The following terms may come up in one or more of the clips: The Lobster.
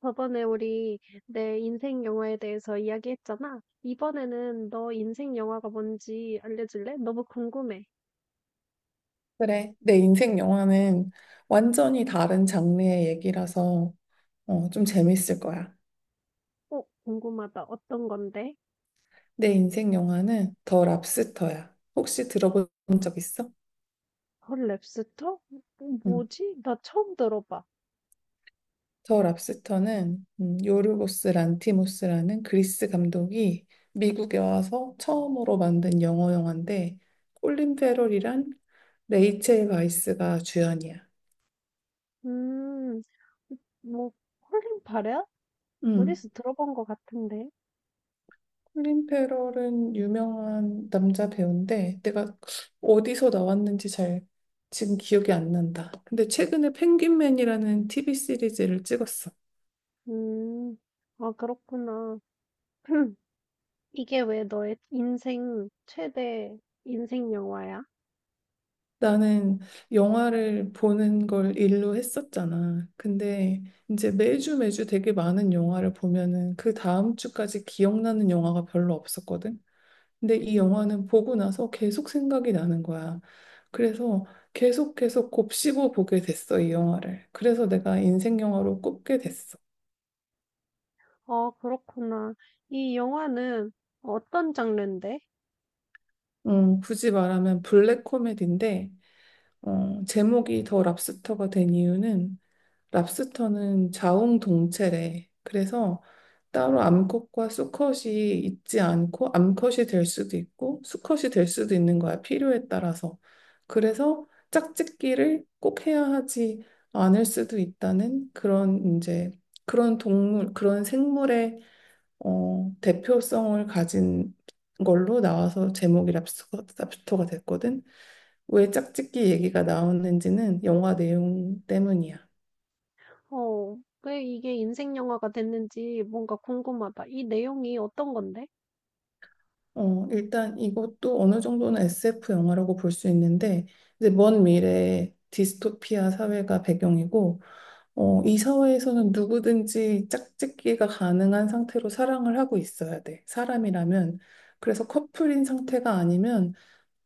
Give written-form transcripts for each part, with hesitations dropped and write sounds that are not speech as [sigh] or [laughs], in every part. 저번에 우리 내 인생 영화에 대해서 이야기했잖아. 이번에는 너 인생 영화가 뭔지 알려줄래? 너무 궁금해. 그래, 내 인생 영화는 완전히 다른 장르의 얘기라서 좀 재밌을 거야. 궁금하다. 어떤 건데? 내 인생 영화는 더 랍스터야. 혹시 들어본 적 있어? 헐, 랩스터? 응. 뭐지? 나 처음 들어봐. 더 랍스터는 요르고스 란티모스라는 그리스 감독이 미국에 와서 처음으로 만든 영어 영화인데 콜린 페럴이랑 레이첼 바이스가 주연이야. 음, 뭐, 콜린 파레야? 음, 어디서 들어본 것 같은데. 클린 페럴은 유명한 남자 배우인데 내가 어디서 나왔는지 잘 지금 기억이 안 난다. 근데 최근에 펭귄맨이라는 TV 시리즈를 찍었어. 음, 그렇구나. [clears throat] 이게 왜 너의 인생 최대 인생 영화야? 나는 영화를 보는 걸 일로 했었잖아. 근데 이제 매주 되게 많은 영화를 보면은 그 다음 주까지 기억나는 영화가 별로 없었거든. 근데 이 영화는 보고 나서 계속 생각이 나는 거야. 그래서 계속 곱씹어 보게 됐어, 이 영화를. 그래서 내가 인생 영화로 꼽게 됐어. 그렇구나. 이 영화는 어떤 장르인데? 굳이 말하면 블랙 코미디인데, 제목이 더 랍스터가 된 이유는 랍스터는 자웅동체래. 그래서 따로 암컷과 수컷이 있지 않고 암컷이 될 수도 있고 수컷이 될 수도 있는 거야. 필요에 따라서. 그래서 짝짓기를 꼭 해야 하지 않을 수도 있다는 그런 이제 그런 동물, 그런 생물의 대표성을 가진 걸로 나와서 제목이 랍스터가 됐거든. 왜 짝짓기 얘기가 나오는지는 영화 내용 때문이야. 어, 왜 이게 인생 영화가 됐는지 뭔가 궁금하다. 이 내용이 어떤 건데? 일단 이것도 어느 정도는 SF 영화라고 볼 수 있는데, 이제 먼 미래에 디스토피아 사회가 배경이고, 이 사회에서는 누구든지 짝짓기가 가능한 상태로 사랑을 하고 있어야 돼. 사람이라면. 그래서 커플인 상태가 아니면,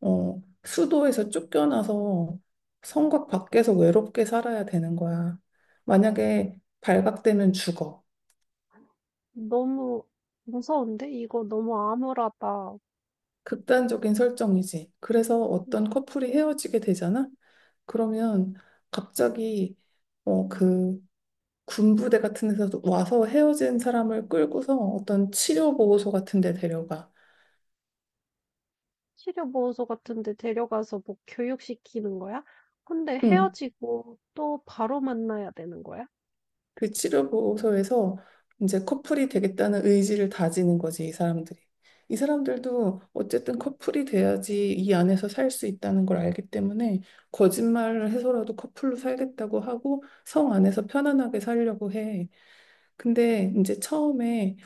수도에서 쫓겨나서 성곽 밖에서 외롭게 살아야 되는 거야. 만약에 발각되면 죽어. 너무 무서운데? 이거 너무 암울하다. 극단적인 설정이지. 그래서 어떤 커플이 헤어지게 되잖아? 그러면 갑자기 어, 그 군부대 같은 데서 와서 헤어진 사람을 끌고서 어떤 치료보호소 같은 데 데려가. 치료보호소 같은 데 데려가서 뭐 교육시키는 거야? 근데 응. 헤어지고 또 바로 만나야 되는 거야? 그 치료보호소에서 이제 커플이 되겠다는 의지를 다지는 거지, 이 사람들이. 이 사람들도 어쨌든 커플이 돼야지 이 안에서 살 수 있다는 걸 알기 때문에 거짓말을 해서라도 커플로 살겠다고 하고 성 안에서 편안하게 살려고 해. 근데 이제 처음에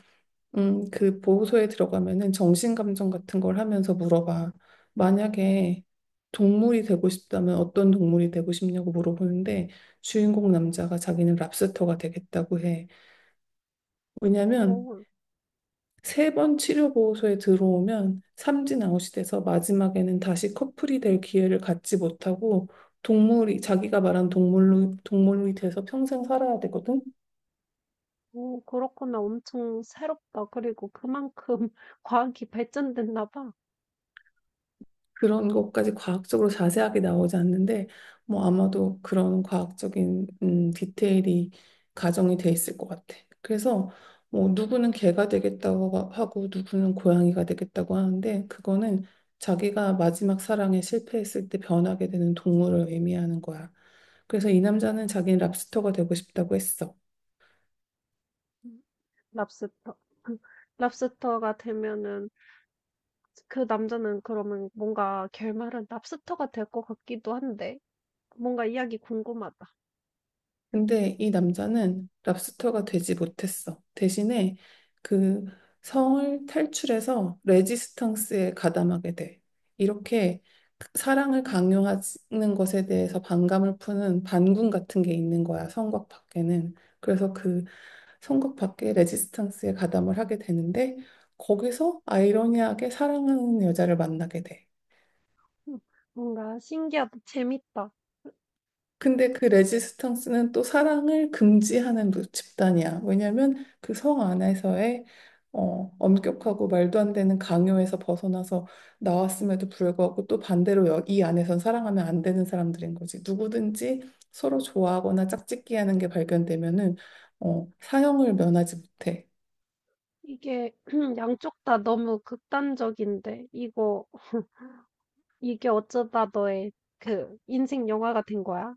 그 보호소에 들어가면은 정신감정 같은 걸 하면서 물어봐. 만약에 동물이 되고 싶다면 어떤 동물이 되고 싶냐고 물어보는데 주인공 남자가 자기는 랍스터가 되겠다고 해. 왜냐면 오, 세 번 치료 보호소에 들어오면 삼진 아웃이 돼서 마지막에는 다시 커플이 될 기회를 갖지 못하고 동물이 자기가 말한 동물로 동물이 돼서 평생 살아야 되거든. 오 그렇구나. 엄청 새롭다. 그리고 그만큼 [laughs] 과학이 발전됐나 봐. 그런 것까지 과학적으로 자세하게 나오지 않는데 뭐 아마도 그런 과학적인 디테일이 가정이 돼 있을 것 같아. 그래서 뭐 누구는 개가 되겠다고 하고 누구는 고양이가 되겠다고 하는데 그거는 자기가 마지막 사랑에 실패했을 때 변하게 되는 동물을 의미하는 거야. 그래서 이 남자는 자기는 랍스터가 되고 싶다고 했어. 음, 랍스터. [laughs] 랍스터가 되면은 그 남자는 그러면 뭔가 결말은 랍스터가 될 것 같기도 한데, 뭔가 이야기 궁금하다. 근데 이 남자는 랍스터가 되지 못했어. 대신에 그 성을 탈출해서 레지스탕스에 가담하게 돼. 이렇게 사랑을 강요하는 것에 대해서 반감을 푸는 반군 같은 게 있는 거야, 성곽 밖에는. 그래서 그 성곽 밖에 레지스탕스에 가담을 하게 되는데 거기서 아이러니하게 사랑하는 여자를 만나게 돼. 음, 뭔가 신기하다, 재밌다. 근데 그 레지스탕스는 또 사랑을 금지하는 집단이야. 왜냐하면 그 성 안에서의 엄격하고 말도 안 되는 강요에서 벗어나서 나왔음에도 불구하고 또 반대로 이 안에선 사랑하면 안 되는 사람들인 거지. 누구든지 서로 좋아하거나 짝짓기하는 게 발견되면은 사형을 면하지 못해. 이게 [clears throat] 양쪽 다 너무 극단적인데, 이거, 이게 어쩌다 너의 그 인생 영화가 된 거야?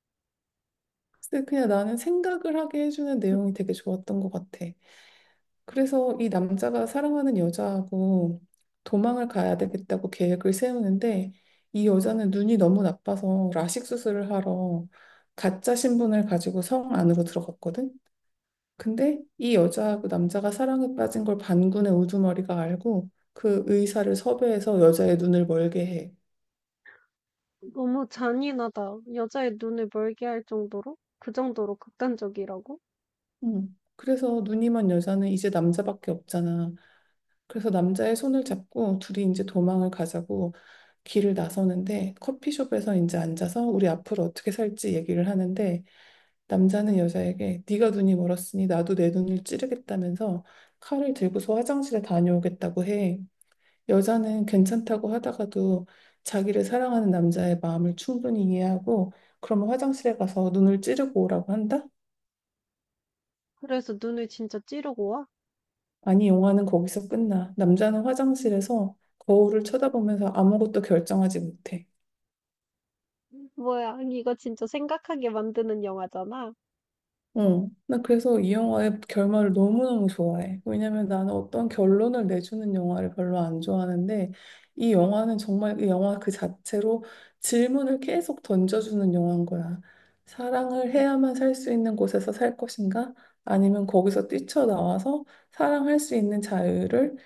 근데 그냥 나는 생각을 하게 해주는 음, 내용이 되게 좋았던 것 같아. 그래서 이 남자가 사랑하는 여자하고 도망을 가야 되겠다고 계획을 세우는데 이 여자는 눈이 너무 나빠서 라식 수술을 하러 가짜 신분을 가지고 성 안으로 들어갔거든. 근데 이 여자하고 남자가 사랑에 빠진 걸 반군의 우두머리가 알고 그 의사를 섭외해서 여자의 눈을 멀게 해. 너무 잔인하다. 여자의 눈을 멀게 할 정도로? 그 정도로 극단적이라고? 음. 그래서 눈이 먼 여자는 이제 남자밖에 없잖아. 그래서 남자의 손을 잡고 둘이 이제 도망을 가자고 길을 나서는데 커피숍에서 이제 앉아서 우리 앞으로 어떻게 살지 얘기를 하는데 남자는 여자에게 네가 눈이 멀었으니 나도 내 눈을 찌르겠다면서 칼을 들고서 화장실에 다녀오겠다고 해. 여자는 괜찮다고 하다가도 자기를 사랑하는 남자의 마음을 충분히 이해하고 그러면 화장실에 가서 눈을 찌르고 오라고 한다? 그래서 눈을 진짜 찌르고 와? 아니, 영화는 거기서 끝나. 남자는 화장실에서 거울을 쳐다보면서 아무것도 결정하지 못해. 뭐야, 아니, 이거 진짜 생각하게 만드는 영화잖아. 나 그래서 이 영화의 결말을 너무너무 좋아해. 왜냐면 나는 어떤 결론을 내주는 영화를 별로 안 좋아하는데, 이 영화는 정말 그 영화 그 자체로 질문을 계속 던져주는 영화인 거야. 사랑을 해야만 살 수 있는 곳에서 살 것인가? 아니면 거기서 뛰쳐나와서 사랑할 수 있는 자유를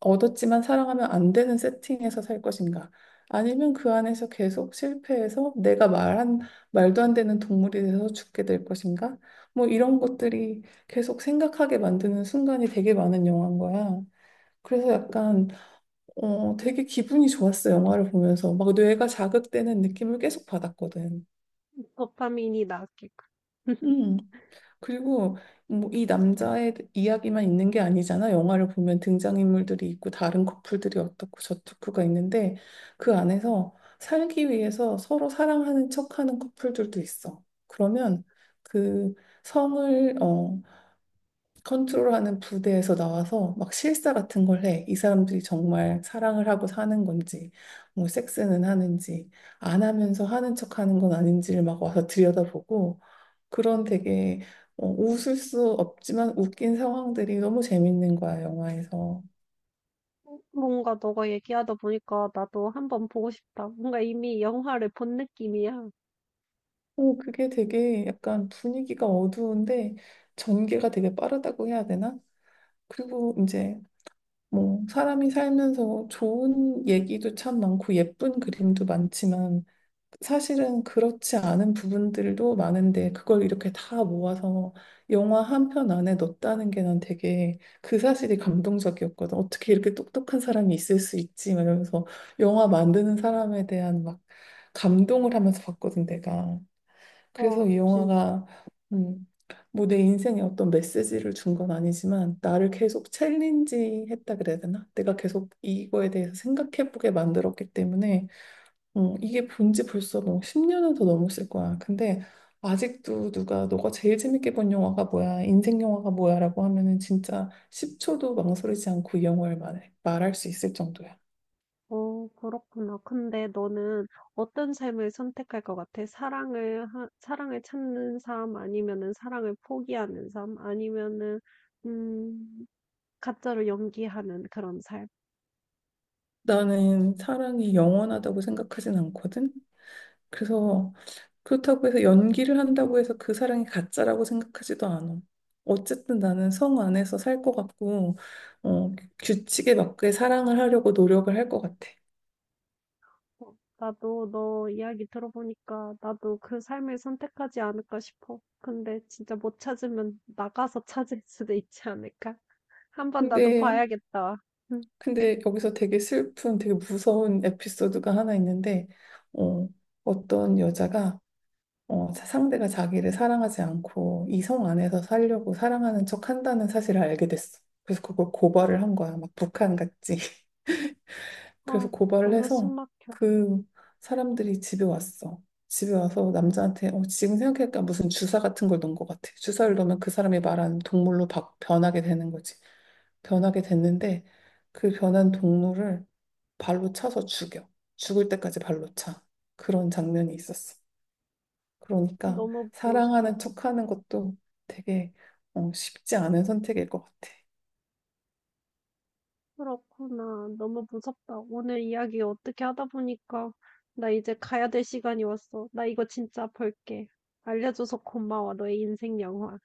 얻었지만 사랑하면 안 되는 세팅에서 살 것인가? 아니면 그 안에서 계속 실패해서 내가 말한, 말도 안 되는 동물이 돼서 죽게 될 것인가? 뭐 이런 것들이 계속 생각하게 만드는 순간이 되게 많은 영화인 거야. 그래서 약간, 되게 기분이 좋았어, 영화를 보면서. 막 뇌가 자극되는 느낌을 계속 받았거든. 도파민이 나왔겠군. [laughs] 음. 그리고 뭐 이 남자의 이야기만 있는 게 아니잖아. 영화를 보면 등장인물들이 있고 다른 커플들이 어떻고 저떻고가 있는데 그 안에서 살기 위해서 서로 사랑하는 척하는 커플들도 있어. 그러면 그 성을 컨트롤하는 부대에서 나와서 막 실사 같은 걸 해. 이 사람들이 정말 사랑을 하고 사는 건지, 뭐 섹스는 하는지, 안 하면서 하는 척하는 건 아닌지를 막 와서 들여다보고. 그런 되게 웃을 수 없지만 웃긴 상황들이 너무 재밌는 거야, 영화에서. 뭔가 너가 얘기하다 보니까 나도 한번 보고 싶다. 뭔가 이미 영화를 본 느낌이야. 오, 그게 음, 되게 약간 분위기가 어두운데 전개가 되게 빠르다고 해야 되나? 그리고 이제 뭐 사람이 살면서 좋은 얘기도 참 많고 예쁜 그림도 많지만 사실은 그렇지 않은 부분들도 많은데 그걸 이렇게 다 모아서 영화 한 편 안에 넣었다는 게 난 되게 그 사실이 감동적이었거든. 어떻게 이렇게 똑똑한 사람이 있을 수 있지? 막 이러면서 영화 만드는 사람에 대한 막 감동을 하면서 봤거든, 내가. 그래서 이 진짜. 영화가 음, 뭐 내 인생에 어떤 메시지를 준 건 아니지만 나를 계속 챌린지 했다 그래야 되나? 내가 계속 이거에 대해서 생각해보게 만들었기 때문에 이게 본지 벌써 뭐 10년은 더 넘었을 거야. 근데 아직도 누가 너가 제일 재밌게 본 영화가 뭐야? 인생 영화가 뭐야? 라고 하면은 진짜 10초도 망설이지 않고 이 영화를 말해, 말할 수 있을 정도야. 어 그렇구나. 근데 너는 어떤 삶을 선택할 것 같아? 사랑을 하, 사랑을 찾는 삶 아니면은 사랑을 포기하는 삶 아니면은 음, 가짜로 연기하는 그런 삶? 나는 사랑이 영원하다고 생각하진 않거든. 그래서 그렇다고 해서 연기를 한다고 해서 그 사랑이 가짜라고 생각하지도 않아. 어쨌든 나는 성 안에서 살 것 같고, 어, 규칙에 맞게 사랑을 하려고 노력을 할 것 같아. 어, 나도 너 이야기 들어보니까 나도 그 삶을 선택하지 않을까 싶어. 근데 진짜 못 찾으면 나가서 찾을 수도 있지 않을까? 한번 나도 근데 봐야겠다. 응. 근데 여기서 되게 슬픈, 되게 무서운 에피소드가 하나 있는데, 어, 어떤 여자가 상대가 자기를 사랑하지 않고 이성 안에서 살려고 사랑하는 척 한다는 사실을 알게 됐어. 그래서 그걸 고발을 한 거야. 막 북한 같이. 그래서 어, 고발을 너무 해서 숨막혀. 그 사람들이 집에 왔어. 집에 와서 남자한테 지금 생각해보니까 무슨 주사 같은 걸 넣은 것 같아. 주사를 넣으면 그 사람이 말하는 동물로 변하게 되는 거지. 변하게 됐는데 그 변한 동물을 발로 차서 죽여. 죽을 때까지 발로 차. 그런 장면이 있었어. 그러니까 너무 사랑하는 무서워. 척하는 것도 되게 쉽지 않은 선택일 것 같아. 그렇구나. 너무 무섭다. 오늘 이야기 어떻게 하다 보니까 나 이제 가야 될 시간이 왔어. 나 이거 진짜 벌게. 알려줘서 고마워. 너의 인생 영화.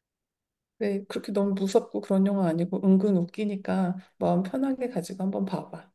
네, 그렇게 너무 무섭고 그런 영화 아니고 은근 웃기니까 마음 편하게 가지고 한번 봐봐.